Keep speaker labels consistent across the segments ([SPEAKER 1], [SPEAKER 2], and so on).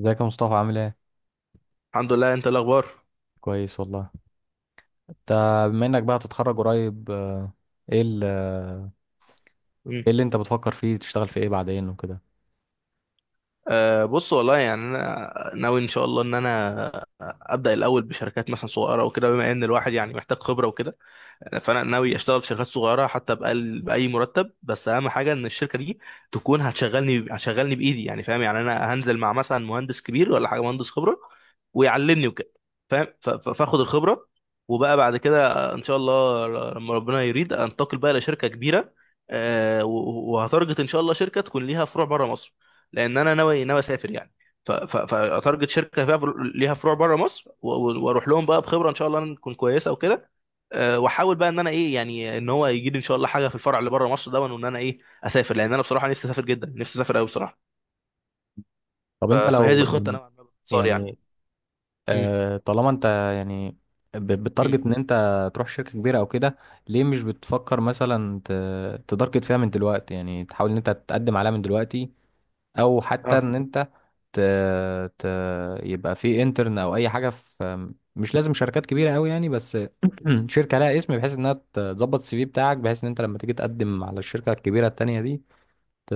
[SPEAKER 1] ازيك يا مصطفى؟ عامل ايه؟
[SPEAKER 2] الحمد لله. انت إيه الاخبار؟
[SPEAKER 1] كويس والله. انت؟ بما انك بقى هتتخرج قريب، ايه ايه
[SPEAKER 2] مم.
[SPEAKER 1] اللي انت بتفكر فيه تشتغل في ايه بعدين وكده؟
[SPEAKER 2] أه، بص والله يعني انا ناوي ان شاء الله ان انا ابدا الاول بشركات مثلا صغيره وكده، بما ان الواحد يعني محتاج خبره وكده. فانا ناوي اشتغل في شركات صغيره حتى بأقل باي مرتب، بس اهم حاجه ان الشركه دي تكون هتشغلني بايدي يعني، فاهم يعني انا هنزل مع مثلا مهندس كبير ولا حاجه، مهندس خبره ويعلمني وكده، فاهم. فاخد الخبره، وبقى بعد كده ان شاء الله لما ربنا يريد انتقل بقى لشركه كبيره. وهتارجت ان شاء الله شركه تكون ليها فروع بره مصر، لان انا ناوي اسافر يعني. فاتارجت شركه فيها ليها فروع بره مصر، واروح لهم بقى بخبره ان شاء الله تكون كويسه وكده. واحاول بقى ان انا ايه يعني، ان هو يجي لي ان شاء الله حاجه في الفرع اللي بره مصر ده، وان انا ايه اسافر، لان انا بصراحه نفسي اسافر جدا، نفسي اسافر قوي بصراحه.
[SPEAKER 1] طب انت
[SPEAKER 2] فهي دي
[SPEAKER 1] لو
[SPEAKER 2] الخطه
[SPEAKER 1] يعني،
[SPEAKER 2] نوعا ما باختصار يعني.
[SPEAKER 1] يعني
[SPEAKER 2] امم.
[SPEAKER 1] طالما انت يعني
[SPEAKER 2] امم.
[SPEAKER 1] بتتارجت ان انت تروح شركة كبيرة او كده، ليه مش بتفكر مثلا تتارجت فيها من دلوقتي؟ يعني تحاول ان انت تقدم عليها من دلوقتي، او
[SPEAKER 2] اه.
[SPEAKER 1] حتى ان انت ت... ت... يبقى في انترن او اي حاجه في. مش لازم شركات كبيره قوي يعني، بس شركه لها اسم، بحيث انها تظبط السي في بتاعك، بحيث ان انت لما تيجي تقدم على الشركه الكبيره التانيه دي ت...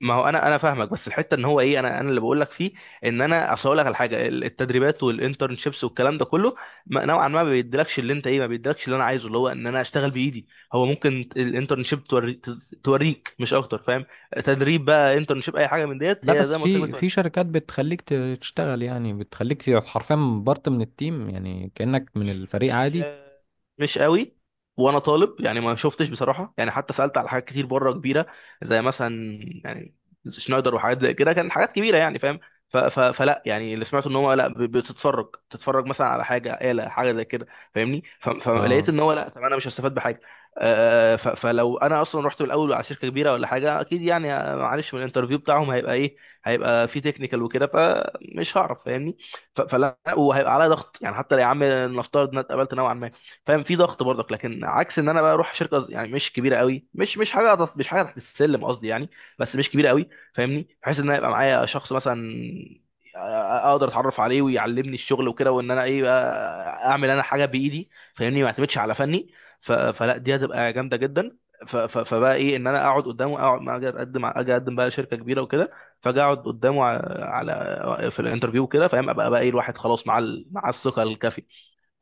[SPEAKER 2] ما هو انا انا فاهمك، بس الحته ان هو ايه، انا اللي بقول لك فيه، ان انا اصل اقول لك على حاجه، التدريبات والانترنشيبس والكلام ده كله، نوعا ما ما بيديلكش اللي انت ايه، ما بيديلكش اللي انا عايزه، اللي هو ان انا اشتغل بايدي. هو ممكن الانترنشيب توريك مش اكتر، فاهم. تدريب بقى، انترنشيب، اي حاجه من ديت
[SPEAKER 1] لا،
[SPEAKER 2] هي
[SPEAKER 1] بس
[SPEAKER 2] زي ما قلت لك
[SPEAKER 1] في
[SPEAKER 2] بتوريك.
[SPEAKER 1] شركات بتخليك تشتغل، يعني بتخليك حرفيا بارت من التيم، يعني كانك من الفريق
[SPEAKER 2] مش
[SPEAKER 1] عادي.
[SPEAKER 2] مش قوي. وانا طالب يعني، ما شفتش بصراحه يعني، حتى سالت على حاجات كتير بره كبيره زي مثلا يعني شنايدر وحاجات زي كده، كان حاجات كبيره يعني، فاهم. فلا يعني، اللي سمعته ان هو لا، بتتفرج مثلا على حاجه آلة حاجه زي كده، فاهمني.
[SPEAKER 1] اه.
[SPEAKER 2] فلقيت ان هو لا، طب انا مش هستفاد بحاجه. فلو انا اصلا رحت من الاول على شركه كبيره ولا حاجه، اكيد يعني معلش، من الانترفيو بتاعهم هيبقى ايه، هيبقى في تكنيكال وكده، فمش هعرف، فاهمني. فلا، وهيبقى عليا ضغط يعني، حتى لو يا عم نفترض ان أنا اتقبلت نوعا ما، فاهم، في ضغط برضك. لكن عكس ان انا بقى اروح شركه يعني مش كبيره قوي، مش حاجه تحت السلم قصدي يعني، بس مش كبيره قوي، فاهمني. بحيث ان انا يبقى معايا شخص مثلا، أ- اقدر اتعرف عليه ويعلمني الشغل وكده، وان انا ايه بقى، اعمل انا حاجه بايدي، فاهمني، ما اعتمدش على فني. فلا، دي هتبقى جامده جدا. فبقى ايه، ان انا اقعد قدامه، اقعد ما اجي اقدم بقى شركه كبيره وكده، فاجي اقعد قدامه في الانترفيو كده، فاهم، ابقى بقى ايه، الواحد خلاص مع الثقه الكافيه،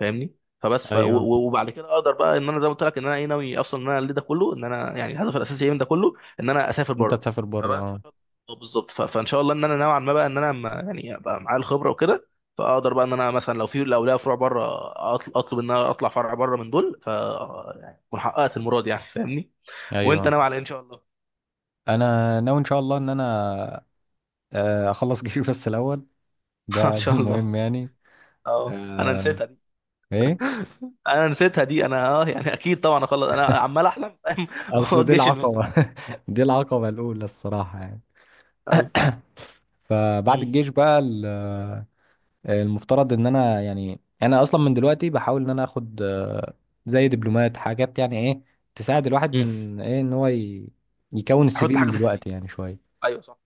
[SPEAKER 2] فاهمني. فبس
[SPEAKER 1] ايوه،
[SPEAKER 2] وبعد كده اقدر بقى ان انا زي ما قلت لك ان انا ايه، ناوي اصلا ان انا اللي ده كله، ان انا يعني الهدف الاساسي إيه من ده كله، ان انا اسافر
[SPEAKER 1] انت
[SPEAKER 2] بره.
[SPEAKER 1] تسافر بره،
[SPEAKER 2] فبقى ان
[SPEAKER 1] اه.
[SPEAKER 2] شاء الله. آه، بالظبط. فان شاء الله ان انا نوعا ما بقى ان انا يعني ابقى معايا الخبره وكده، فاقدر بقى ان انا مثلا لو ليا فروع بره، اطلب ان انا اطلع فرع بره من دول، ف يعني اكون حققت المراد يعني، فاهمني. وانت
[SPEAKER 1] ايوه،
[SPEAKER 2] ناوي على إيه ان شاء الله؟
[SPEAKER 1] انا ناوي ان شاء الله ان انا اخلص جيشي بس الاول.
[SPEAKER 2] ان
[SPEAKER 1] ده
[SPEAKER 2] شاء الله.
[SPEAKER 1] المهم يعني.
[SPEAKER 2] اه،
[SPEAKER 1] آه، ايه؟
[SPEAKER 2] انا نسيتها دي، انا يعني اكيد طبعا اخلص، انا عمال احلم فاهم. هو
[SPEAKER 1] اصل دي
[SPEAKER 2] الجيش اللي مستني.
[SPEAKER 1] العقبة دي العقبة الاولى الصراحة يعني.
[SPEAKER 2] ايوه.
[SPEAKER 1] فبعد
[SPEAKER 2] مم.
[SPEAKER 1] الجيش بقى المفترض ان انا، يعني انا اصلا من دلوقتي بحاول ان انا اخد زي دبلومات، حاجات يعني ايه تساعد الواحد
[SPEAKER 2] مم.
[SPEAKER 1] من ايه ان هو يكون السي
[SPEAKER 2] احط
[SPEAKER 1] في
[SPEAKER 2] حاجه
[SPEAKER 1] من
[SPEAKER 2] في السي في.
[SPEAKER 1] دلوقتي يعني شوية.
[SPEAKER 2] ايوه، صح.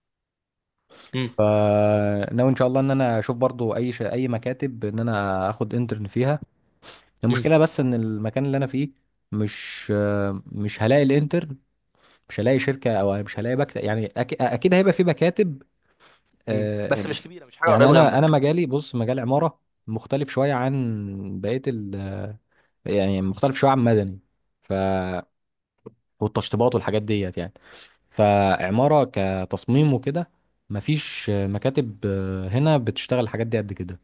[SPEAKER 2] مم.
[SPEAKER 1] فناوي ان شاء الله ان انا اشوف برضو اي مكاتب ان انا اخد انترن فيها.
[SPEAKER 2] مم.
[SPEAKER 1] المشكلة بس ان المكان اللي انا فيه مش، مش هلاقي الانترن، مش هلاقي شركة، او مش هلاقي مكتب، يعني اكيد هيبقى في مكاتب،
[SPEAKER 2] مم.
[SPEAKER 1] آه،
[SPEAKER 2] بس
[SPEAKER 1] آه،
[SPEAKER 2] مش كبيره، مش حاجه
[SPEAKER 1] يعني
[SPEAKER 2] قريبه
[SPEAKER 1] انا
[SPEAKER 2] جنبك.
[SPEAKER 1] مجالي، بص، مجال عمارة، مختلف شوية عن بقية ال آه، يعني مختلف شوية عن مدني، ف، والتشطيبات والحاجات ديت يعني. فعمارة كتصميم وكده مفيش مكاتب هنا بتشتغل الحاجات دي قد كده.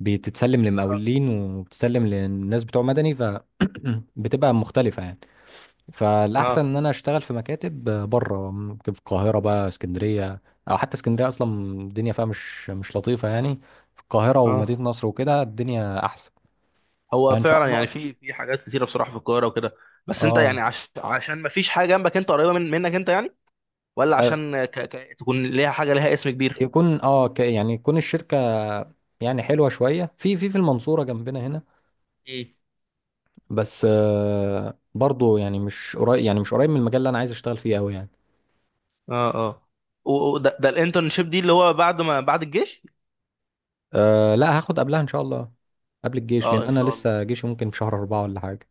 [SPEAKER 1] بتتسلم
[SPEAKER 2] اه.
[SPEAKER 1] لمقاولين، وبتتسلم للناس بتوع مدني، ف بتبقى مختلفة يعني. فالاحسن
[SPEAKER 2] اه.
[SPEAKER 1] ان انا اشتغل في مكاتب بره، ممكن في القاهره بقى، اسكندريه، او حتى اسكندريه اصلا الدنيا فيها مش لطيفه يعني. في القاهره ومدينه
[SPEAKER 2] اه.
[SPEAKER 1] نصر وكده الدنيا احسن.
[SPEAKER 2] هو
[SPEAKER 1] فان شاء
[SPEAKER 2] فعلا يعني
[SPEAKER 1] الله.
[SPEAKER 2] في حاجات كتيره بصراحه في القاهره وكده. بس انت
[SPEAKER 1] اه،
[SPEAKER 2] يعني عشان ما فيش حاجه جنبك انت، قريبه منك انت يعني، ولا
[SPEAKER 1] آه،
[SPEAKER 2] عشان تكون ليها حاجه ليها اسم كبير؟
[SPEAKER 1] يكون اه يعني يكون الشركه يعني حلوه شويه في المنصوره جنبنا هنا،
[SPEAKER 2] مم.
[SPEAKER 1] بس آه، برضو يعني مش قريب، يعني مش قريب من المجال اللي انا عايز اشتغل فيه قوي يعني.
[SPEAKER 2] اه. اه. وده الانترنشيب دي اللي هو بعد ما بعد الجيش؟
[SPEAKER 1] آه، لا، هاخد قبلها ان شاء الله، قبل الجيش،
[SPEAKER 2] اه،
[SPEAKER 1] لان
[SPEAKER 2] ان
[SPEAKER 1] انا
[SPEAKER 2] شاء الله.
[SPEAKER 1] لسه جيشي ممكن في شهر 4 ولا حاجه.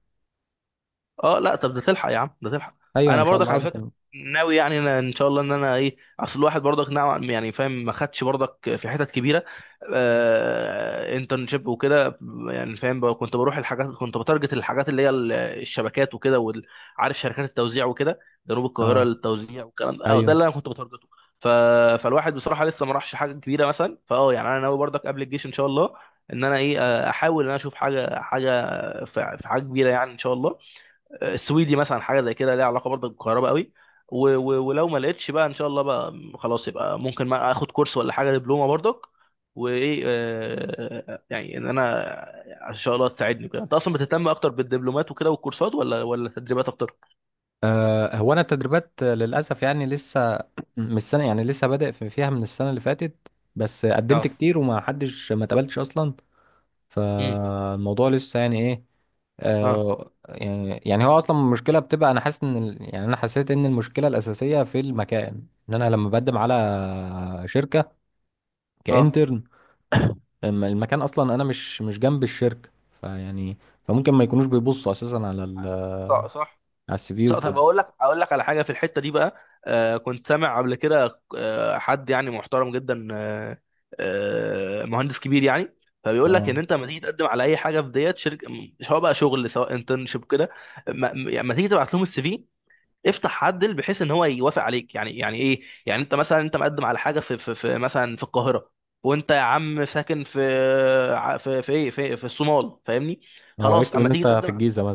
[SPEAKER 2] اه، لا، طب ده تلحق يا عم، ده تلحق.
[SPEAKER 1] ايوه،
[SPEAKER 2] انا
[SPEAKER 1] ان شاء
[SPEAKER 2] برضك
[SPEAKER 1] الله،
[SPEAKER 2] على فكره
[SPEAKER 1] ممكن.
[SPEAKER 2] ناوي يعني أنا ان شاء الله، ان انا ايه، اصل الواحد برضك نوعا يعني، فاهم، ما خدش برضك في حتت كبيره، انترنشيب وكده يعني، فاهم بقى. كنت بروح الحاجات، كنت بتارجت الحاجات اللي هي الشبكات وكده، عارف، شركات التوزيع وكده، جنوب القاهره
[SPEAKER 1] اه.
[SPEAKER 2] للتوزيع والكلام ده، أو ده
[SPEAKER 1] ايوه.
[SPEAKER 2] اللي انا كنت بتارجته. ف... فالواحد بصراحه لسه ما راحش حاجه كبيره مثلا، يعني انا ناوي برضك قبل الجيش ان شاء الله ان انا ايه احاول ان انا اشوف حاجه، حاجه في في حاجه كبيره يعني ان شاء الله، السويدي مثلا حاجه زي كده، ليها علاقه برضه بالكهرباء قوي. ولو ما لقيتش بقى ان شاء الله بقى خلاص، يبقى ممكن ما اخد كورس ولا حاجه، دبلومه برضك. وايه يعني ان انا ان شاء الله تساعدني كده، انت اصلا بتهتم اكتر بالدبلومات وكده والكورسات، ولا التدريبات اكتر؟
[SPEAKER 1] هو انا التدريبات للاسف يعني لسه من السنه، يعني لسه بادئ فيها من السنه اللي فاتت، بس قدمت
[SPEAKER 2] اه.
[SPEAKER 1] كتير، وما حدش ما اتقبلتش اصلا.
[SPEAKER 2] امم
[SPEAKER 1] فالموضوع لسه يعني ايه.
[SPEAKER 2] اه.
[SPEAKER 1] هو اصلا المشكله بتبقى، انا حاسس ان يعني انا حسيت ان المشكله الاساسيه في المكان، ان انا لما بقدم على شركه
[SPEAKER 2] اه.
[SPEAKER 1] كانترن، أما المكان اصلا انا مش جنب الشركه، فيعني فممكن ما يكونوش بيبصوا اساسا على
[SPEAKER 2] صح. صح.
[SPEAKER 1] السي في
[SPEAKER 2] طب
[SPEAKER 1] وكده.
[SPEAKER 2] اقول لك على حاجه في الحته دي بقى. كنت سامع قبل كده حد يعني محترم جدا، مهندس كبير يعني. فبيقول لك
[SPEAKER 1] اه،
[SPEAKER 2] ان انت لما تيجي تقدم على اي حاجه في ديت شركه، سواء بقى شغل سواء انترنشيب كده، يعني لما تيجي تبعت لهم السي في، افتح عدل بحيث ان هو يوافق عليك. يعني ايه، يعني انت مثلا انت مقدم على حاجه في مثلا في القاهره، وانت يا عم ساكن في ع- في في ايه في, في الصومال، فاهمني،
[SPEAKER 1] اه،
[SPEAKER 2] خلاص،
[SPEAKER 1] يكتب
[SPEAKER 2] اما
[SPEAKER 1] ان
[SPEAKER 2] تيجي
[SPEAKER 1] انت في
[SPEAKER 2] تقدم
[SPEAKER 1] الجيزه
[SPEAKER 2] عليه،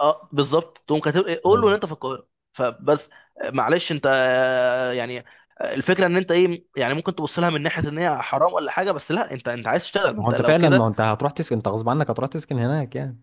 [SPEAKER 2] اه بالظبط، تقوم كاتب إيه، قول له
[SPEAKER 1] مثلا.
[SPEAKER 2] ان انت في القاهره فبس. معلش انت يعني، الفكره ان انت ايه يعني، ممكن تبص لها من ناحيه ان هي حرام ولا حاجه، بس لا، انت عايز تشتغل، ما
[SPEAKER 1] ما هو
[SPEAKER 2] انت
[SPEAKER 1] انت
[SPEAKER 2] لو
[SPEAKER 1] فعلا، ما هو
[SPEAKER 2] كده.
[SPEAKER 1] انت هتروح تسكن، انت غصب عنك هتروح تسكن هناك يعني.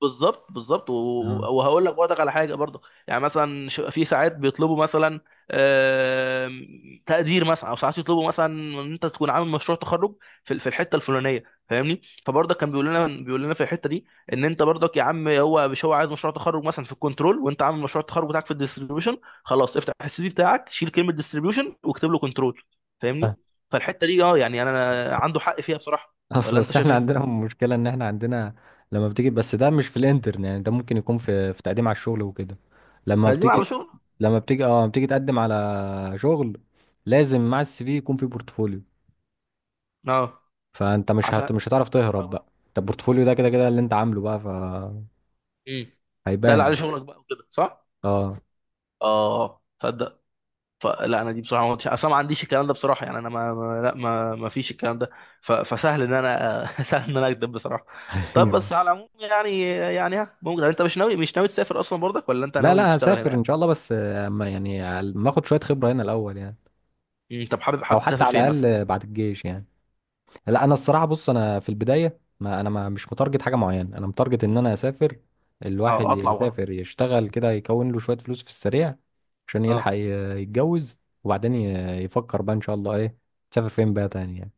[SPEAKER 2] بالظبط، بالظبط.
[SPEAKER 1] اه.
[SPEAKER 2] وهقول لك برضك على حاجه برضك. يعني مثلا في ساعات بيطلبوا مثلا تقدير مثلا، او ساعات يطلبوا مثلا ان انت تكون عامل مشروع تخرج في الحته الفلانيه، فاهمني. فبرضك كان بيقول لنا في الحته دي، ان انت برضك يا عم مش هو عايز مشروع تخرج مثلا في الكنترول، وانت عامل مشروع التخرج بتاعك في الديستريبيوشن، خلاص افتح السي في بتاعك، شيل كلمه ديستريبيوشن واكتب له كنترول، فاهمني.
[SPEAKER 1] اه.
[SPEAKER 2] فالحته دي اه، يعني انا عنده حق فيها بصراحه،
[SPEAKER 1] اصل،
[SPEAKER 2] ولا انت
[SPEAKER 1] بس
[SPEAKER 2] شايف
[SPEAKER 1] احنا
[SPEAKER 2] ايه؟
[SPEAKER 1] عندنا مشكلة، ان احنا عندنا لما بتيجي، بس ده مش في الانترن يعني، ده ممكن يكون في تقديم على الشغل وكده. لما
[SPEAKER 2] تقديم
[SPEAKER 1] بتيجي
[SPEAKER 2] على شغل.
[SPEAKER 1] لما بتيجي تقدم على شغل، لازم مع السي في يكون في بورتفوليو.
[SPEAKER 2] اه،
[SPEAKER 1] فانت
[SPEAKER 2] عشان.
[SPEAKER 1] مش هتعرف تهرب بقى، انت البورتفوليو ده كده كده اللي انت عامله بقى،
[SPEAKER 2] امم ده اللي عليه
[SPEAKER 1] فهيبان.
[SPEAKER 2] شغلك بقى وكده، صح؟
[SPEAKER 1] اه.
[SPEAKER 2] اه، تصدق، فلا انا دي بصراحه ما كنتش اصلا، ما عنديش الكلام ده بصراحه يعني. انا ما, ما لا ما ما فيش الكلام ده. فسهل ان انا سهل ان انا اكذب بصراحه. طب بس على العموم يعني ممكن انت مش ناوي تسافر اصلا برضك، ولا انت
[SPEAKER 1] لا،
[SPEAKER 2] ناوي
[SPEAKER 1] لا،
[SPEAKER 2] تشتغل هنا
[SPEAKER 1] هسافر ان
[SPEAKER 2] يعني؟
[SPEAKER 1] شاء الله، بس اما يعني ما اخد شوية خبرة هنا الاول يعني،
[SPEAKER 2] طب حابب
[SPEAKER 1] او
[SPEAKER 2] حابب
[SPEAKER 1] حتى
[SPEAKER 2] تسافر فين
[SPEAKER 1] على
[SPEAKER 2] مثلا؟
[SPEAKER 1] الاقل بعد الجيش يعني. لا، انا الصراحه بص، انا في البدايه ما انا ما مش متارجت حاجه معينه، انا متارجت ان انا اسافر. الواحد
[SPEAKER 2] اه، اطلع وخلاص.
[SPEAKER 1] يسافر يشتغل كده، يكون له شويه فلوس في السريع، عشان
[SPEAKER 2] اه،
[SPEAKER 1] يلحق يتجوز، وبعدين يفكر بقى ان شاء الله ايه، تسافر فين بقى تاني يعني.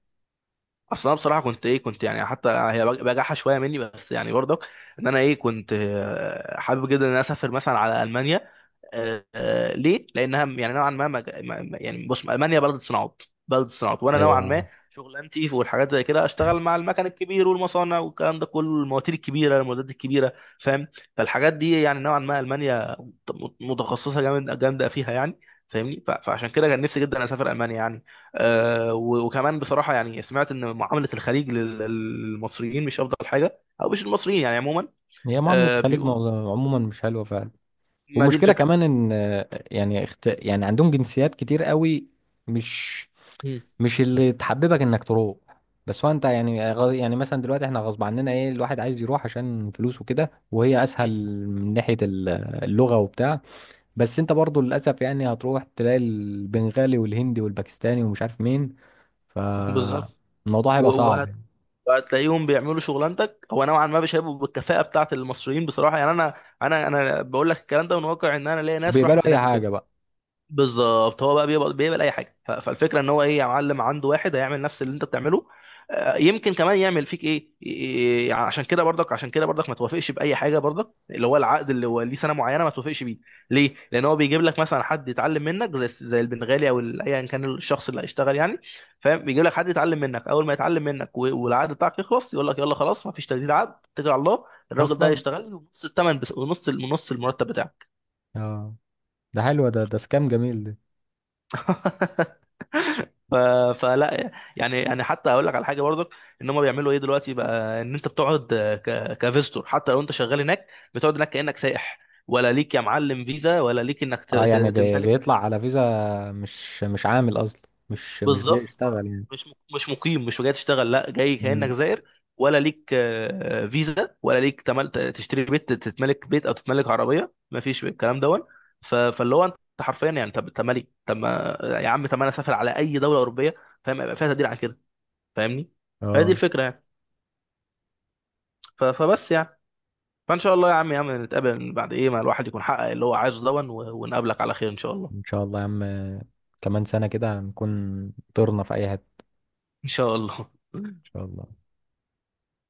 [SPEAKER 2] اصل انا بصراحه كنت يعني، حتى هي بجاحه شويه مني بس يعني برضك، ان انا ايه كنت حابب جدا ان انا اسافر مثلا على المانيا، ليه؟ لانها يعني نوعا ما، يعني بص، المانيا بلد صناعات، بلد صناعات، وانا نوعا
[SPEAKER 1] ايوه.
[SPEAKER 2] ما شغلانتي والحاجات زي كده، اشتغل مع المكن الكبير والمصانع والكلام ده كله، المواتير الكبيره، المعدات الكبيره، فاهم. فالحاجات دي يعني نوعا ما المانيا متخصصه جامده فيها يعني، فاهمني. فعشان كده كان نفسي جدا اسافر المانيا يعني. وكمان بصراحه يعني، سمعت ان معامله الخليج للمصريين مش افضل حاجه، او مش المصريين يعني عموما.
[SPEAKER 1] هي معامله
[SPEAKER 2] أه،
[SPEAKER 1] خليج
[SPEAKER 2] بيقولوا،
[SPEAKER 1] عموما مش حلوه.
[SPEAKER 2] ما دي
[SPEAKER 1] والمشكله
[SPEAKER 2] الفكره.
[SPEAKER 1] كمان ان، يعني يعني عندهم جنسيات كتير قوي، مش
[SPEAKER 2] مم.
[SPEAKER 1] مش اللي تحببك انك تروح. بس هو انت يعني يعني مثلا دلوقتي احنا غصب عننا ايه، الواحد عايز يروح عشان فلوسه كده، وهي
[SPEAKER 2] مم.
[SPEAKER 1] اسهل من ناحية اللغة وبتاع. بس انت برضو للاسف يعني هتروح تلاقي البنغالي والهندي والباكستاني ومش عارف مين،
[SPEAKER 2] بالظبط.
[SPEAKER 1] فالموضوع
[SPEAKER 2] و-
[SPEAKER 1] هيبقى صعب
[SPEAKER 2] وهت...
[SPEAKER 1] يعني.
[SPEAKER 2] وهتلاقيهم بيعملوا شغلانتك، هو نوعا ما مش هيبقوا بالكفاءه بتاعه المصريين بصراحه يعني. انا انا بقول لك الكلام ده من واقع ان انا ليا ناس
[SPEAKER 1] وبيقبلوا
[SPEAKER 2] راحت
[SPEAKER 1] اي
[SPEAKER 2] هناك
[SPEAKER 1] حاجة
[SPEAKER 2] وكده.
[SPEAKER 1] بقى
[SPEAKER 2] بالظبط. هو بقى بيقبل اي حاجه. فالفكره ان هو ايه، يا معلم عنده واحد هيعمل نفس اللي انت بتعمله. يمكن كمان يعمل فيك ايه، عشان كده برضك ما توافقش باي حاجه برضك اللي هو العقد، اللي هو ليه سنه معينه ما توافقش بيه، ليه، لان هو بيجيب لك مثلا حد يتعلم منك زي البنغالي، او ايا كان الشخص اللي هيشتغل يعني، فاهم. بيجيب لك حد يتعلم منك، اول ما يتعلم منك والعقد بتاعك يخلص، يقول لك يلا خلاص، ما فيش تجديد عقد، اتكل على الله. الراجل ده
[SPEAKER 1] اصلا.
[SPEAKER 2] هيشتغل لي ونص الثمن بس، ونص نص المرتب بتاعك.
[SPEAKER 1] اه، ده حلو، ده سكام جميل ده.
[SPEAKER 2] ف... فلا يعني حتى اقول لك على حاجه برضك. ان هم بيعملوا ايه دلوقتي بقى، ان انت بتقعد كفيستور حتى لو انت شغال هناك، بتقعد هناك كانك سائح، ولا ليك يا معلم فيزا، ولا ليك انك
[SPEAKER 1] اه، يعني
[SPEAKER 2] تمتلك حاجه.
[SPEAKER 1] بيطلع على فيزا، مش عامل اصلا، مش
[SPEAKER 2] بالظبط.
[SPEAKER 1] بيشتغل يعني.
[SPEAKER 2] مش مقيم، مش جاي تشتغل، لا جاي كانك
[SPEAKER 1] مم.
[SPEAKER 2] زائر. ولا ليك فيزا، ولا ليك تشتري بيت، تتملك بيت، او تتملك عربيه، ما فيش الكلام دون. فاللي هو انت حرفيا يعني، طب مالي، طب ما- يا عم طب، ما انا اسافر على اي دوله اوروبيه، فاهم، يبقى فيها تقدير على كده، فاهمني. فهي دي
[SPEAKER 1] اه،
[SPEAKER 2] الفكره يعني. فبس يعني. فان شاء الله يا عم، يا عم نتقابل بعد ايه، ما الواحد يكون حقق اللي هو عايزه دون، ونقابلك على خير ان شاء الله.
[SPEAKER 1] ان شاء الله يا عم، كمان سنة كده هنكون طرنا في اي حتة.
[SPEAKER 2] ان شاء الله.
[SPEAKER 1] ان شاء الله.